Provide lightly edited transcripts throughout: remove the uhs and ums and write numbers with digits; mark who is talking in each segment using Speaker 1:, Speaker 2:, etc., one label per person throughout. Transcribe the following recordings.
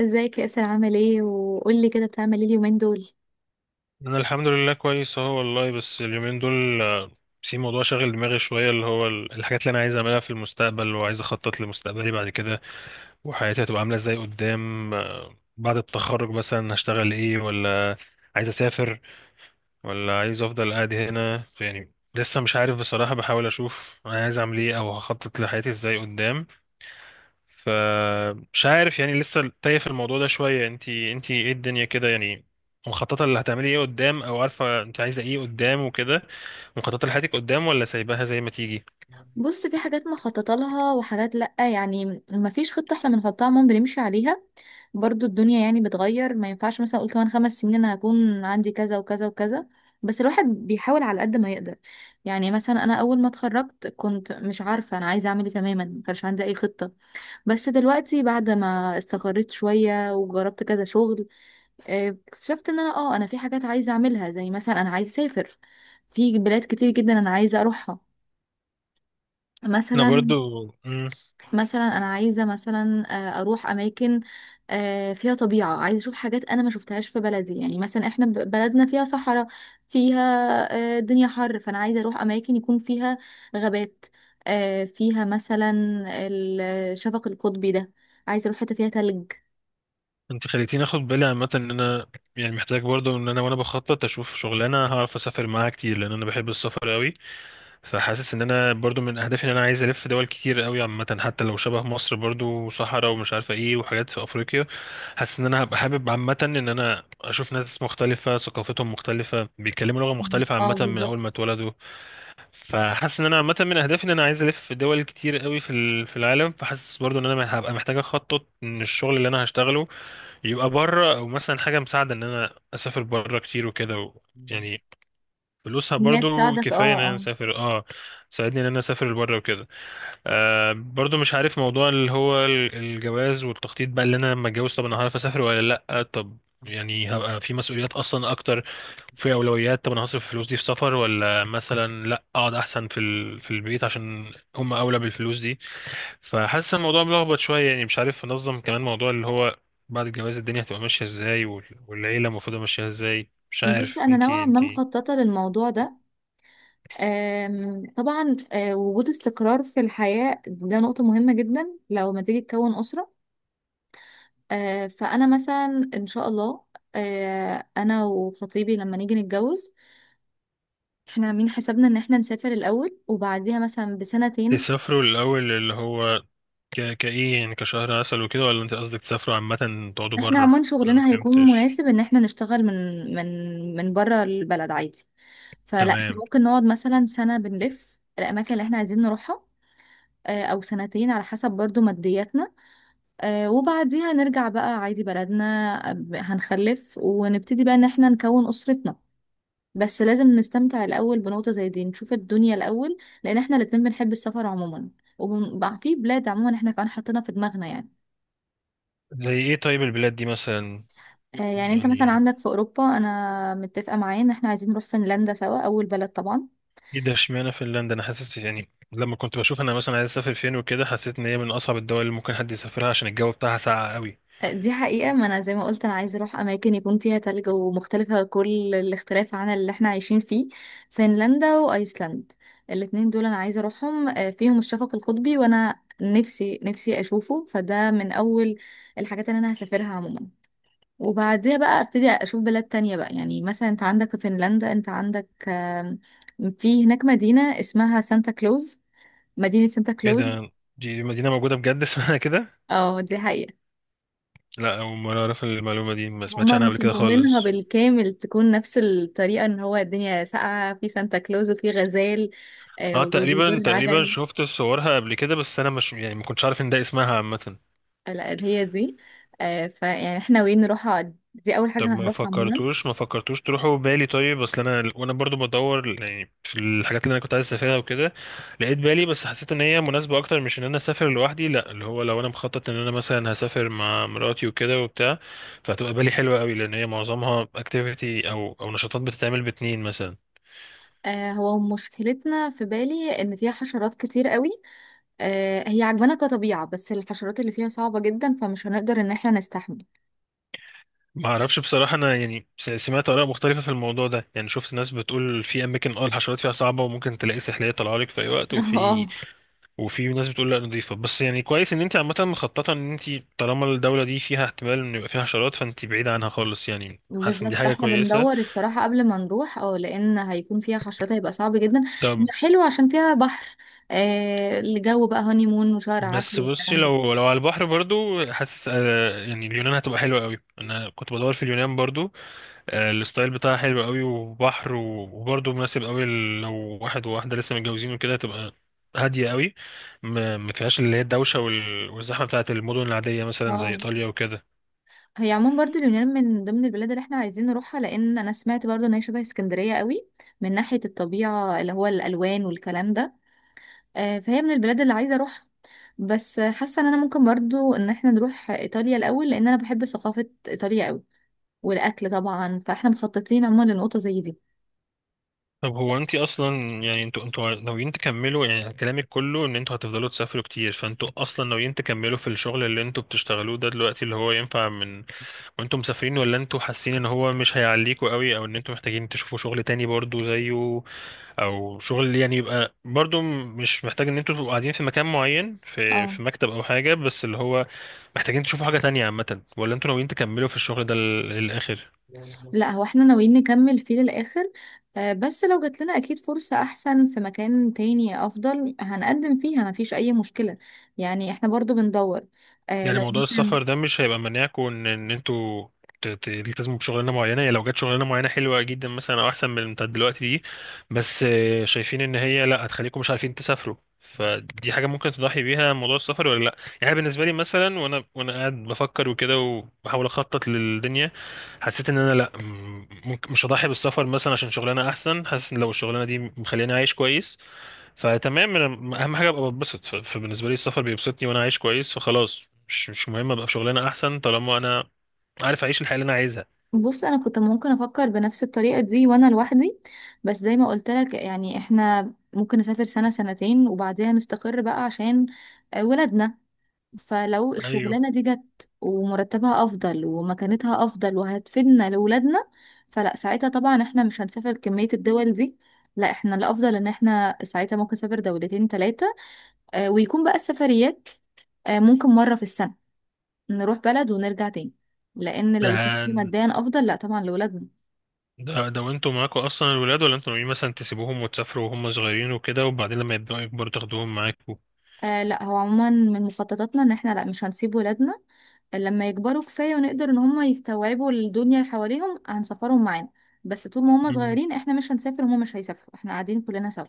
Speaker 1: ازيك يا اسر، عامل ايه؟ وقولي كده، بتعمل ايه اليومين دول؟
Speaker 2: انا الحمد لله كويس اهو والله، بس اليومين دول في موضوع شاغل دماغي شويه، اللي هو الحاجات اللي انا عايز اعملها في المستقبل، وعايز اخطط لمستقبلي بعد كده وحياتي هتبقى عامله ازاي قدام. بعد التخرج مثلا هشتغل ايه؟ ولا عايز اسافر؟ ولا عايز افضل قاعد هنا؟ يعني لسه مش عارف بصراحه، بحاول اشوف انا عايز اعمل ايه او هخطط لحياتي ازاي قدام. فمش عارف يعني، لسه تايه في الموضوع ده شوية. انتي ايه الدنيا كده يعني؟ مخططة اللي هتعملي ايه قدام؟ او عارفة انت عايزة ايه قدام وكده؟ مخططة لحياتك قدام ولا سايباها زي ما تيجي؟
Speaker 1: بص، في حاجات مخططه لها وحاجات لا، يعني ما فيش خطه احنا بنحطها عموما بنمشي عليها. برضو الدنيا يعني بتغير، ما ينفعش مثلا اقول كمان 5 سنين انا هكون عندي كذا وكذا وكذا. بس الواحد بيحاول على قد ما يقدر. يعني مثلا انا اول ما اتخرجت كنت مش عارفه انا عايزه اعمل ايه تماما، ما كانش عندي اي خطه. بس دلوقتي بعد ما استقريت شويه وجربت كذا شغل، اكتشفت ان انا في حاجات عايزه اعملها، زي مثلا انا عايزه اسافر. في بلاد كتير جدا انا عايزه اروحها،
Speaker 2: انا
Speaker 1: مثلا.
Speaker 2: برضو
Speaker 1: مثلا انا عايزه مثلا اروح اماكن، فيها طبيعه. عايزه اشوف حاجات انا ما شفتهاش في بلدي، يعني مثلا احنا بلدنا فيها صحراء، فيها الدنيا حر. فانا عايزه اروح اماكن يكون فيها غابات، فيها مثلا الشفق القطبي ده. عايزه اروح حته فيها تلج.
Speaker 2: انت خليتيني اخد بالي عامة ان انا يعني محتاج برضو ان انا، بخطط اشوف شغلانة هعرف اسافر معاها كتير، لان انا بحب السفر قوي. فحاسس ان انا برضو من اهدافي ان انا عايز الف دول كتير قوي عامه، حتى لو شبه مصر برضو وصحراء ومش عارفه ايه وحاجات في افريقيا. حاسس ان انا هبقى حابب عامه ان انا اشوف ناس مختلفه ثقافتهم مختلفه بيتكلموا لغه مختلفه
Speaker 1: اه،
Speaker 2: عامه من اول ما
Speaker 1: بالظبط.
Speaker 2: اتولدوا. فحاسس ان انا عامه من اهدافي ان انا عايز الف دول كتير قوي في في العالم. فحاسس برضو ان انا هبقى محتاج اخطط ان الشغل اللي انا هشتغله يبقى بره، او مثلا حاجه مساعده ان انا اسافر بره كتير وكده يعني فلوسها
Speaker 1: انها
Speaker 2: برضو
Speaker 1: تساعدك،
Speaker 2: كفاية ان
Speaker 1: اه
Speaker 2: انا
Speaker 1: اه.
Speaker 2: اسافر، اه. ساعدني ان انا اسافر بره وكده. برضو مش عارف موضوع اللي هو الجواز والتخطيط بقى، اللي انا لما اتجوز طب انا هعرف اسافر ولا لا؟ طب يعني هبقى في مسؤوليات اصلا اكتر، في اولويات. طب انا هصرف الفلوس دي في سفر؟ ولا مثلا لا اقعد احسن في في البيت عشان هم اولى بالفلوس دي؟ فحاسس الموضوع ملخبط شوية، يعني مش عارف انظم. كمان موضوع اللي هو بعد الجواز الدنيا هتبقى ماشية ازاي، والعيلة المفروض ماشية ازاي؟ مش
Speaker 1: بص،
Speaker 2: عارف.
Speaker 1: انا
Speaker 2: انتي
Speaker 1: نوعا ما
Speaker 2: انتي
Speaker 1: مخططه للموضوع ده. طبعا وجود استقرار في الحياه ده نقطه مهمه جدا لو ما تيجي تكون اسره. فانا مثلا ان شاء الله، انا وخطيبي لما نيجي نتجوز، احنا عاملين حسابنا ان احنا نسافر الاول وبعديها مثلا بسنتين.
Speaker 2: تسافروا الأول اللي هو كإيه يعني؟ كشهر عسل وكده؟ ولا أنت قصدك تسافروا عامة تقعدوا
Speaker 1: احنا
Speaker 2: برا؟
Speaker 1: عموما
Speaker 2: أنا ما
Speaker 1: شغلنا هيكون
Speaker 2: فهمتش.
Speaker 1: مناسب ان احنا نشتغل من من بره البلد عادي. فلا احنا
Speaker 2: تمام.
Speaker 1: ممكن نقعد مثلا سنه بنلف الاماكن اللي احنا عايزين نروحها، او سنتين، على حسب برضو مادياتنا. وبعديها نرجع بقى عادي بلدنا، هنخلف ونبتدي بقى ان احنا نكون اسرتنا. بس لازم نستمتع الاول بنقطة زي دي، نشوف الدنيا الاول، لان احنا الاتنين بنحب السفر عموما. وبقى في بلاد عموما احنا كمان حاطينها في دماغنا يعني.
Speaker 2: زي إيه طيب البلاد دي مثلا
Speaker 1: يعني انت مثلا
Speaker 2: يعني؟
Speaker 1: عندك في اوروبا، انا متفقة معايا ان احنا عايزين نروح فنلندا سوا اول بلد طبعا.
Speaker 2: إيه ده؟ اشمعنى فنلندا؟ أنا حاسس يعني لما كنت بشوف أنا مثلا عايز أسافر فين وكده، حسيت إن هي من أصعب الدول اللي ممكن حد يسافرها عشان الجو بتاعها ساقع قوي.
Speaker 1: دي حقيقة، ما أنا زي ما قلت أنا عايزة أروح أماكن يكون فيها تلج ومختلفة كل الاختلاف عن اللي احنا عايشين فيه. فنلندا وأيسلند، الاتنين دول أنا عايزة أروحهم، فيهم الشفق القطبي، وأنا نفسي نفسي أشوفه. فده من أول الحاجات اللي أنا هسافرها عموما. وبعدها بقى أبتدي أشوف بلاد تانية بقى، يعني مثلا أنت عندك في فنلندا، أنت عندك في هناك مدينة اسمها سانتا كلوز، مدينة سانتا
Speaker 2: إيه
Speaker 1: كلوز.
Speaker 2: ده؟ دي مدينة موجودة بجد اسمها كده؟
Speaker 1: اه، دي حقيقة.
Speaker 2: لا، أول مرة أعرف المعلومة دي، ما سمعتش
Speaker 1: هما
Speaker 2: عنها قبل كده
Speaker 1: مصممينها
Speaker 2: خالص.
Speaker 1: بالكامل تكون نفس الطريقة، ان هو الدنيا ساقعة في سانتا كلوز، وفي غزال
Speaker 2: اه، تقريبا
Speaker 1: وبيجر
Speaker 2: تقريبا
Speaker 1: عجل.
Speaker 2: شفت صورها قبل كده، بس انا مش يعني ما كنتش عارف ان ده اسمها عامة.
Speaker 1: لا، هي دي. فيعني احنا وين نروحها، دي اول
Speaker 2: طب
Speaker 1: حاجة
Speaker 2: ما
Speaker 1: هنروحها عموما.
Speaker 2: فكرتوش ما فكرتوش تروحوا بالي؟ طيب اصل انا برضو بدور يعني في الحاجات اللي انا كنت عايز اسافرها وكده، لقيت بالي. بس حسيت ان هي مناسبه اكتر مش ان انا اسافر لوحدي، لا، اللي هو لو انا مخطط ان انا مثلا هسافر مع مراتي وكده وبتاع، فهتبقى بالي حلوه قوي، لان هي معظمها اكتيفيتي او نشاطات بتتعمل باتنين مثلا.
Speaker 1: هو مشكلتنا في بالي ان فيها حشرات كتير قوي، هي عجبانا كطبيعة، بس الحشرات اللي فيها صعبة جدا، فمش هنقدر ان احنا نستحمل.
Speaker 2: ما اعرفش بصراحه انا يعني، سمعت اراء مختلفه في الموضوع ده. يعني شفت ناس بتقول في اماكن الحشرات فيها صعبه وممكن تلاقي سحليه طالعه لك في اي وقت وفي.
Speaker 1: اه.
Speaker 2: وفي ناس بتقول لا، نضيفة. بس يعني كويس ان انت عامة مخططة ان انت طالما الدولة دي فيها احتمال ان يبقى فيها حشرات فانت بعيدة عنها خالص، يعني حاسس ان دي
Speaker 1: بالظبط،
Speaker 2: حاجة
Speaker 1: فاحنا
Speaker 2: كويسة.
Speaker 1: بندور الصراحة قبل ما نروح لأن هيكون فيها حشرات هيبقى صعب جدا.
Speaker 2: طب
Speaker 1: هي حلوة عشان فيها بحر، الجو بقى هوني مون وشهر عسل
Speaker 2: بس بصي،
Speaker 1: والكلام ده.
Speaker 2: لو على البحر برضو حاسس يعني اليونان هتبقى حلوة قوي. انا كنت بدور في اليونان برضو. الستايل بتاعها حلو قوي، وبحر، وبرضه مناسب قوي لو واحد وواحدة لسه متجوزين وكده تبقى هادية قوي. ما فيهاش اللي هي الدوشة والزحمة بتاعة المدن العادية مثلا زي
Speaker 1: اه،
Speaker 2: إيطاليا وكده.
Speaker 1: هي عموما برضو اليونان من ضمن البلاد اللي احنا عايزين نروحها، لأن أنا سمعت برضو إن هي شبه اسكندرية قوي من ناحية الطبيعة، اللي هو الألوان والكلام ده. فهي من البلاد اللي عايزة أروحها. بس حاسة إن أنا ممكن برضو إن احنا نروح إيطاليا الأول، لأن أنا بحب ثقافة إيطاليا قوي والأكل طبعا. فاحنا مخططين عموما لنقطة زي دي.
Speaker 2: طب هو انت اصلا يعني انتوا ناويين تكملوا؟ يعني كلامك كله ان انتوا هتفضلوا تسافروا كتير، فانتوا اصلا ناويين تكملوا في الشغل اللي انتوا بتشتغلوه ده دلوقتي، اللي هو ينفع من وانتوا مسافرين؟ ولا انتوا حاسين ان هو مش هيعليكوا قوي، او ان انتوا محتاجين تشوفوا شغل تاني برضو زيه، او شغل يعني يبقى برضو مش محتاج ان انتوا تبقوا قاعدين في مكان معين، في
Speaker 1: اه،
Speaker 2: مكتب او حاجة، بس اللي هو محتاجين تشوفوا حاجة تانية عامة؟ ولا انتوا ناويين تكملوا في الشغل ده للاخر؟
Speaker 1: لا هو احنا ناويين نكمل فيه للآخر، بس لو جات لنا أكيد فرصة أحسن في مكان تاني أفضل، هنقدم فيها، مفيش أي مشكلة. يعني احنا برضو بندور
Speaker 2: يعني
Speaker 1: لو
Speaker 2: موضوع
Speaker 1: مثلا.
Speaker 2: السفر ده مش هيبقى مناعكم ان انتوا تلتزموا بشغلانه معينه، يعني لو جت شغلانه معينه حلوه جدا مثلا او احسن من اللي بتاعت دلوقتي دي، بس شايفين ان هي لا هتخليكم مش عارفين تسافروا، فدي حاجه ممكن تضحي بيها موضوع السفر ولا لا؟ يعني بالنسبه لي مثلا، وانا قاعد بفكر وكده وبحاول اخطط للدنيا، حسيت ان انا لا، ممكن مش هضحي بالسفر مثلا عشان شغلانه احسن. حاسس ان لو الشغلانه دي مخليني عايش كويس فتمام، أنا اهم حاجه ابقى بتبسط. فبالنسبه لي السفر بيبسطني وانا عايش كويس، فخلاص مش مهم ابقى في شغلانه احسن طالما انا عارف اعيش الحياه اللي انا عايزها.
Speaker 1: بص، أنا كنت ممكن أفكر بنفس الطريقة دي وأنا لوحدي، بس زي ما قلت لك يعني احنا ممكن نسافر سنة سنتين، وبعدها نستقر بقى عشان ولادنا. فلو
Speaker 2: ايوه.
Speaker 1: الشغلانة دي جت ومرتبها أفضل ومكانتها أفضل وهتفيدنا لولادنا، فلا ساعتها طبعا احنا مش هنسافر كمية الدول دي. لا، احنا الأفضل ان احنا ساعتها ممكن نسافر دولتين تلاتة، ويكون بقى السفريات ممكن مرة في السنة، نروح بلد ونرجع تاني، لأن
Speaker 2: ده
Speaker 1: لو دي ماديا أفضل، لا طبعا لولادنا.
Speaker 2: ده وانتوا معاكوا اصلا الولاد؟ ولا انتوا ناويين مثلا تسيبوهم وتسافروا وهم صغيرين وكده وبعدين لما يبداوا يكبروا تاخدوهم معاكوا؟
Speaker 1: لا، هو عموما من مخططاتنا ان احنا لا مش هنسيب ولادنا. لما يكبروا كفاية ونقدر ان هم يستوعبوا الدنيا اللي حواليهم، هنسافرهم معانا. بس طول ما هم صغيرين احنا مش هنسافر، هم مش هيسافروا، احنا قاعدين كلنا سوا،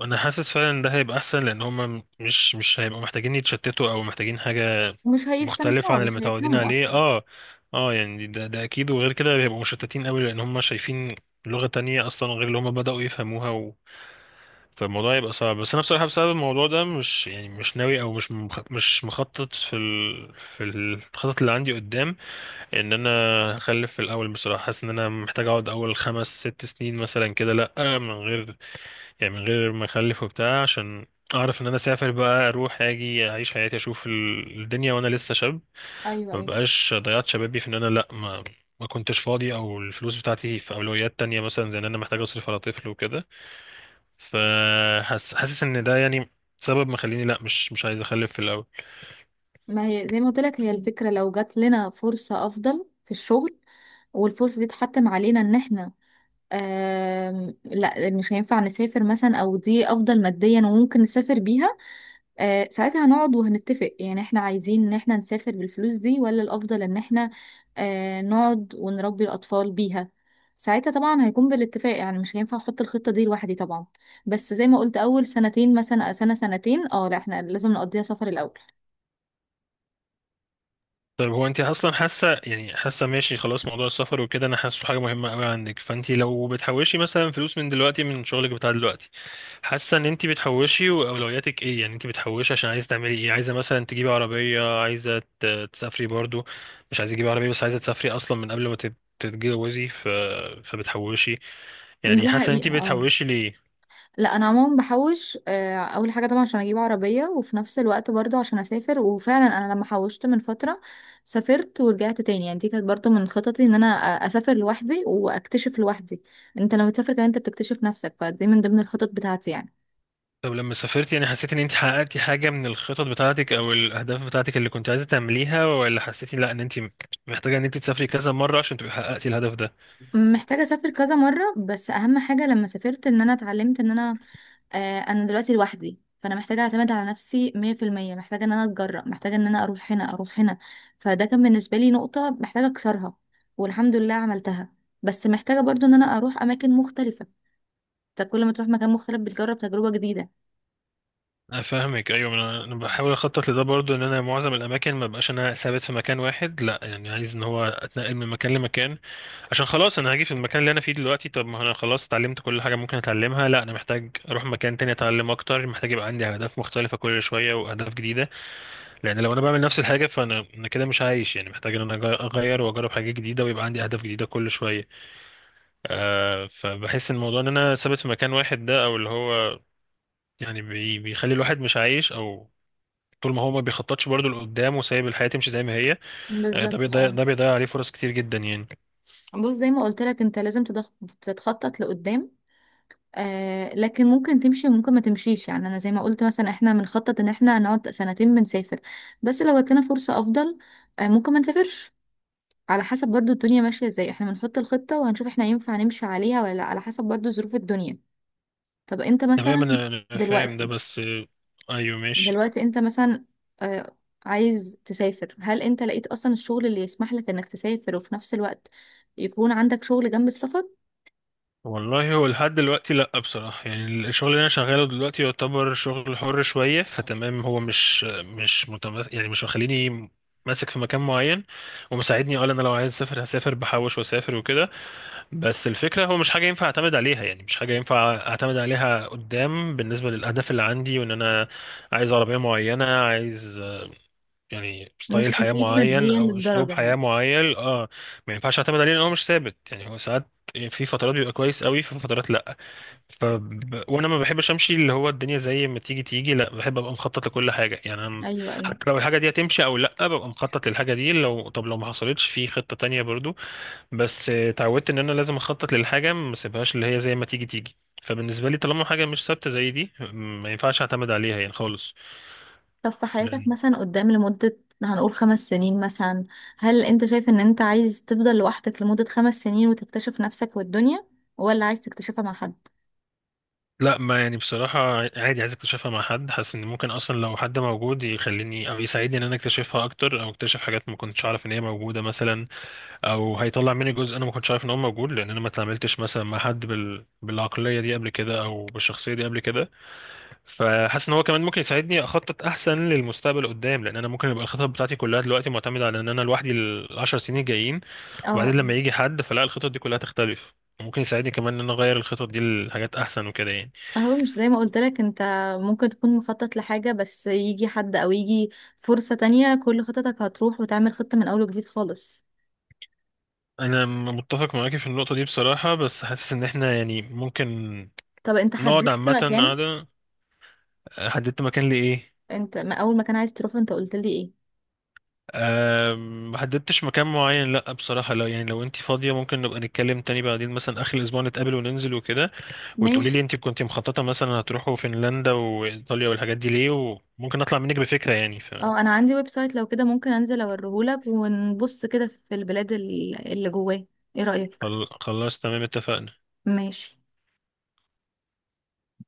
Speaker 2: انا حاسس فعلا ان ده هيبقى احسن، لان هما مش هيبقوا محتاجين يتشتتوا او محتاجين حاجه
Speaker 1: مش
Speaker 2: مختلفه
Speaker 1: هيستمتعوا،
Speaker 2: عن اللي
Speaker 1: مش
Speaker 2: متعودين
Speaker 1: هيفهموا
Speaker 2: عليه،
Speaker 1: اصلا.
Speaker 2: اه. اه، يعني ده اكيد. وغير كده هيبقوا مشتتين قوي، لان هما شايفين لغه تانية اصلا غير اللي هما بداوا يفهموها فالموضوع يبقى صعب. بس انا بصراحه بسبب الموضوع ده مش يعني مش ناوي او مش مش مخطط في في الخطط اللي عندي قدام ان انا هخلف في الاول. بصراحه حاسس ان انا محتاج اقعد اول 5 6 سنين مثلا كده لا من غير، يعني من غير ما اخلف وبتاع، عشان اعرف ان انا اسافر بقى، اروح اجي اعيش حياتي اشوف الدنيا وانا لسه شاب،
Speaker 1: ايوه،
Speaker 2: ما
Speaker 1: ايوه.
Speaker 2: بقاش ضيعت شبابي في ان انا لا ما كنتش فاضي، او الفلوس بتاعتي في اولويات تانية مثلا زي ان انا محتاج اصرف على طفل وكده. فحاسس ان ده يعني سبب مخليني لا مش عايز اخلف في الاول.
Speaker 1: ما هي زي ما قلت لك، هي الفكرة لو جات لنا فرصة افضل في الشغل، والفرصة دي اتحتم علينا ان احنا لا مش هينفع نسافر مثلا، او دي افضل ماديا وممكن نسافر بيها، ساعتها هنقعد وهنتفق، يعني احنا عايزين ان احنا نسافر بالفلوس دي ولا الافضل ان احنا نقعد ونربي الاطفال بيها. ساعتها طبعا هيكون بالاتفاق، يعني مش هينفع احط الخطة دي لوحدي طبعا. بس زي ما قلت اول سنتين، مثلا سنة سنتين، لا احنا لازم نقضيها سفر الاول.
Speaker 2: طيب هو انت اصلا حاسه يعني، حاسه ماشي خلاص موضوع السفر وكده؟ انا حاسه حاجه مهمه قوي عندك، فانت لو بتحوشي مثلا فلوس من دلوقتي من شغلك بتاع دلوقتي حاسه ان انت بتحوشي، واولوياتك ايه يعني؟ انت بتحوشي عشان عايزه تعملي ايه؟ عايزه مثلا تجيبي عربيه؟ عايزه تسافري برضو؟ مش عايزه تجيبي عربيه بس عايزه تسافري اصلا من قبل ما تتجوزي فبتحوشي يعني،
Speaker 1: دي
Speaker 2: حاسه ان
Speaker 1: حقيقة،
Speaker 2: انت
Speaker 1: اه.
Speaker 2: بتحوشي ليه؟
Speaker 1: لا، انا عموما بحوش، اول حاجه طبعا عشان اجيب عربيه، وفي نفس الوقت برضه عشان اسافر. وفعلا انا لما حوشت من فتره سافرت ورجعت تاني، يعني دي كانت برضه من خططي ان انا اسافر لوحدي واكتشف لوحدي. انت لما تسافر كمان انت بتكتشف نفسك، فدي من ضمن الخطط بتاعتي يعني.
Speaker 2: طب لما سافرت، يعني حسيت ان انت حققتي حاجة من الخطط بتاعتك او الاهداف بتاعتك اللي كنت عايزة تعمليها؟ ولا حسيتي لا، ان انت محتاجة ان انت تسافري كذا مرة عشان تبقي حققتي الهدف ده؟
Speaker 1: محتاجه اسافر كذا مره، بس اهم حاجه لما سافرت ان انا اتعلمت ان انا، انا دلوقتي لوحدي، فانا محتاجه اعتمد على نفسي 100%. محتاجه ان انا اتجرأ، محتاجه ان انا اروح هنا اروح هنا، فده كان بالنسبه لي نقطه محتاجه اكسرها، والحمد لله عملتها. بس محتاجه برضو ان انا اروح اماكن مختلفه. انت كل ما تروح مكان مختلف بتجرب تجربه جديده.
Speaker 2: انا فاهمك، ايوه. انا بحاول اخطط لده برضو، ان انا معظم الاماكن ما بقاش انا ثابت في مكان واحد، لا يعني عايز ان هو اتنقل من مكان لمكان، عشان خلاص انا هاجي في المكان اللي انا فيه دلوقتي. طب ما انا خلاص اتعلمت كل حاجة ممكن اتعلمها، لا، انا محتاج اروح مكان تاني اتعلم اكتر، محتاج يبقى عندي اهداف مختلفة كل شوية واهداف جديدة. لان لو انا بعمل نفس الحاجه فانا كده مش عايش يعني، محتاج ان انا اغير واجرب حاجات جديده ويبقى عندي اهداف جديده كل شويه. فبحس ان الموضوع ان انا ثابت في مكان واحد ده، او اللي هو يعني بيخلي الواحد مش عايش، او طول ما هو ما بيخططش برضه لقدام وسايب الحياه تمشي زي ما هي، ده
Speaker 1: بالظبط،
Speaker 2: بيضيع،
Speaker 1: اه.
Speaker 2: عليه فرص كتير جدا يعني.
Speaker 1: بص زي ما قلت لك، انت لازم تتخطط لقدام. لكن ممكن تمشي وممكن ما تمشيش، يعني انا زي ما قلت مثلا احنا بنخطط ان احنا نقعد سنتين بنسافر، بس لو جات لنا فرصه افضل ممكن ما نسافرش، على حسب برضو الدنيا ماشية ازاي. احنا بنحط الخطة وهنشوف احنا ينفع نمشي عليها ولا لا، على حسب برضو ظروف الدنيا. طب انت
Speaker 2: تمام
Speaker 1: مثلا
Speaker 2: انا فاهم ده
Speaker 1: دلوقتي،
Speaker 2: بس ايوه ماشي.
Speaker 1: انت مثلا آه عايز تسافر، هل انت لقيت اصلا الشغل اللي يسمح لك انك تسافر وفي نفس الوقت يكون عندك شغل جنب السفر؟
Speaker 2: والله هو لحد دلوقتي لأ بصراحة، يعني الشغل اللي أنا شغاله دلوقتي يعتبر شغل حر شوية، فتمام هو مش متمس يعني، مش مخليني ماسك في مكان معين. ومساعدني أقول أنا لو عايز أسافر هسافر، بحوش وأسافر وكده. بس الفكرة هو مش حاجة ينفع أعتمد عليها، يعني مش حاجة ينفع أعتمد عليها قدام بالنسبة للأهداف اللي عندي وإن أنا عايز عربية معينة، عايز يعني
Speaker 1: مش
Speaker 2: ستايل حياة
Speaker 1: مفيد
Speaker 2: معين
Speaker 1: ماديا
Speaker 2: أو أسلوب
Speaker 1: للدرجة
Speaker 2: حياة
Speaker 1: يعني.
Speaker 2: معين، اه. ما ينفعش أعتمد عليه لأن هو مش ثابت، يعني هو ساعات في فترات بيبقى كويس قوي، في فترات لأ، ف... وانا ما بحبش امشي اللي هو الدنيا زي ما تيجي تيجي، لا بحب ابقى مخطط لكل حاجه يعني. انا
Speaker 1: ايوه، ايوه.
Speaker 2: حتى لو الحاجه دي هتمشي او لا ببقى مخطط للحاجه دي. طب لو ما حصلتش في خطه تانية برضو. بس اتعودت ان انا لازم اخطط للحاجه، ما اسيبهاش اللي هي زي ما تيجي تيجي. فبالنسبه لي طالما حاجه مش ثابته زي دي ما ينفعش اعتمد عليها يعني خالص.
Speaker 1: طب في حياتك
Speaker 2: لان
Speaker 1: مثلا قدام لمدة، هنقول 5 سنين مثلا، هل انت شايف ان انت عايز تفضل لوحدك لمدة 5 سنين وتكتشف نفسك والدنيا، ولا عايز تكتشفها مع حد؟
Speaker 2: لا، ما يعني بصراحة عادي، عايز اكتشفها مع حد. حاسس ان ممكن اصلا لو حد موجود يخليني او يساعدني ان انا اكتشفها اكتر، او اكتشف حاجات ما كنتش اعرف ان هي موجودة مثلا، او هيطلع مني جزء انا ما كنتش عارف ان هو موجود، لان انا ما اتعاملتش مثلا مع حد بالعقليه دي قبل كده او بالشخصيه دي قبل كده. فحاسس ان هو كمان ممكن يساعدني اخطط احسن للمستقبل قدام، لان انا ممكن يبقى الخطط بتاعتي كلها دلوقتي معتمده على ان انا لوحدي الـ 10 سنين الجايين، وبعدين
Speaker 1: اه.
Speaker 2: لما يجي حد فلا الخطط دي كلها تختلف، ممكن يساعدني كمان ان انا اغير الخطط دي لحاجات احسن وكده يعني.
Speaker 1: اهو مش زي ما قلت لك انت، ممكن تكون مخطط لحاجة بس يجي حد او يجي فرصة تانية، كل خططك هتروح وتعمل خطة من اول وجديد خالص.
Speaker 2: انا متفق معاكي في النقطه دي بصراحه، بس حاسس ان احنا يعني ممكن
Speaker 1: طب انت
Speaker 2: نقعد
Speaker 1: حددت
Speaker 2: عامه
Speaker 1: مكان،
Speaker 2: قاعده. حددت مكان لايه؟
Speaker 1: انت ما اول مكان عايز تروحه انت قلت لي ايه؟
Speaker 2: محددتش مكان معين لا بصراحة، لا يعني لو انت فاضية ممكن نبقى نتكلم تاني بعدين، مثلا آخر الأسبوع نتقابل وننزل وكده وتقولي
Speaker 1: ماشي.
Speaker 2: لي انت كنت مخططة مثلا هتروحوا فنلندا وإيطاليا والحاجات دي ليه، وممكن أطلع منك بفكرة يعني.
Speaker 1: اه، انا عندي ويب سايت، لو كده ممكن انزل اوريهولك ونبص كده في البلاد اللي جواه. ايه رأيك؟
Speaker 2: فخلاص تمام، اتفقنا.
Speaker 1: ماشي.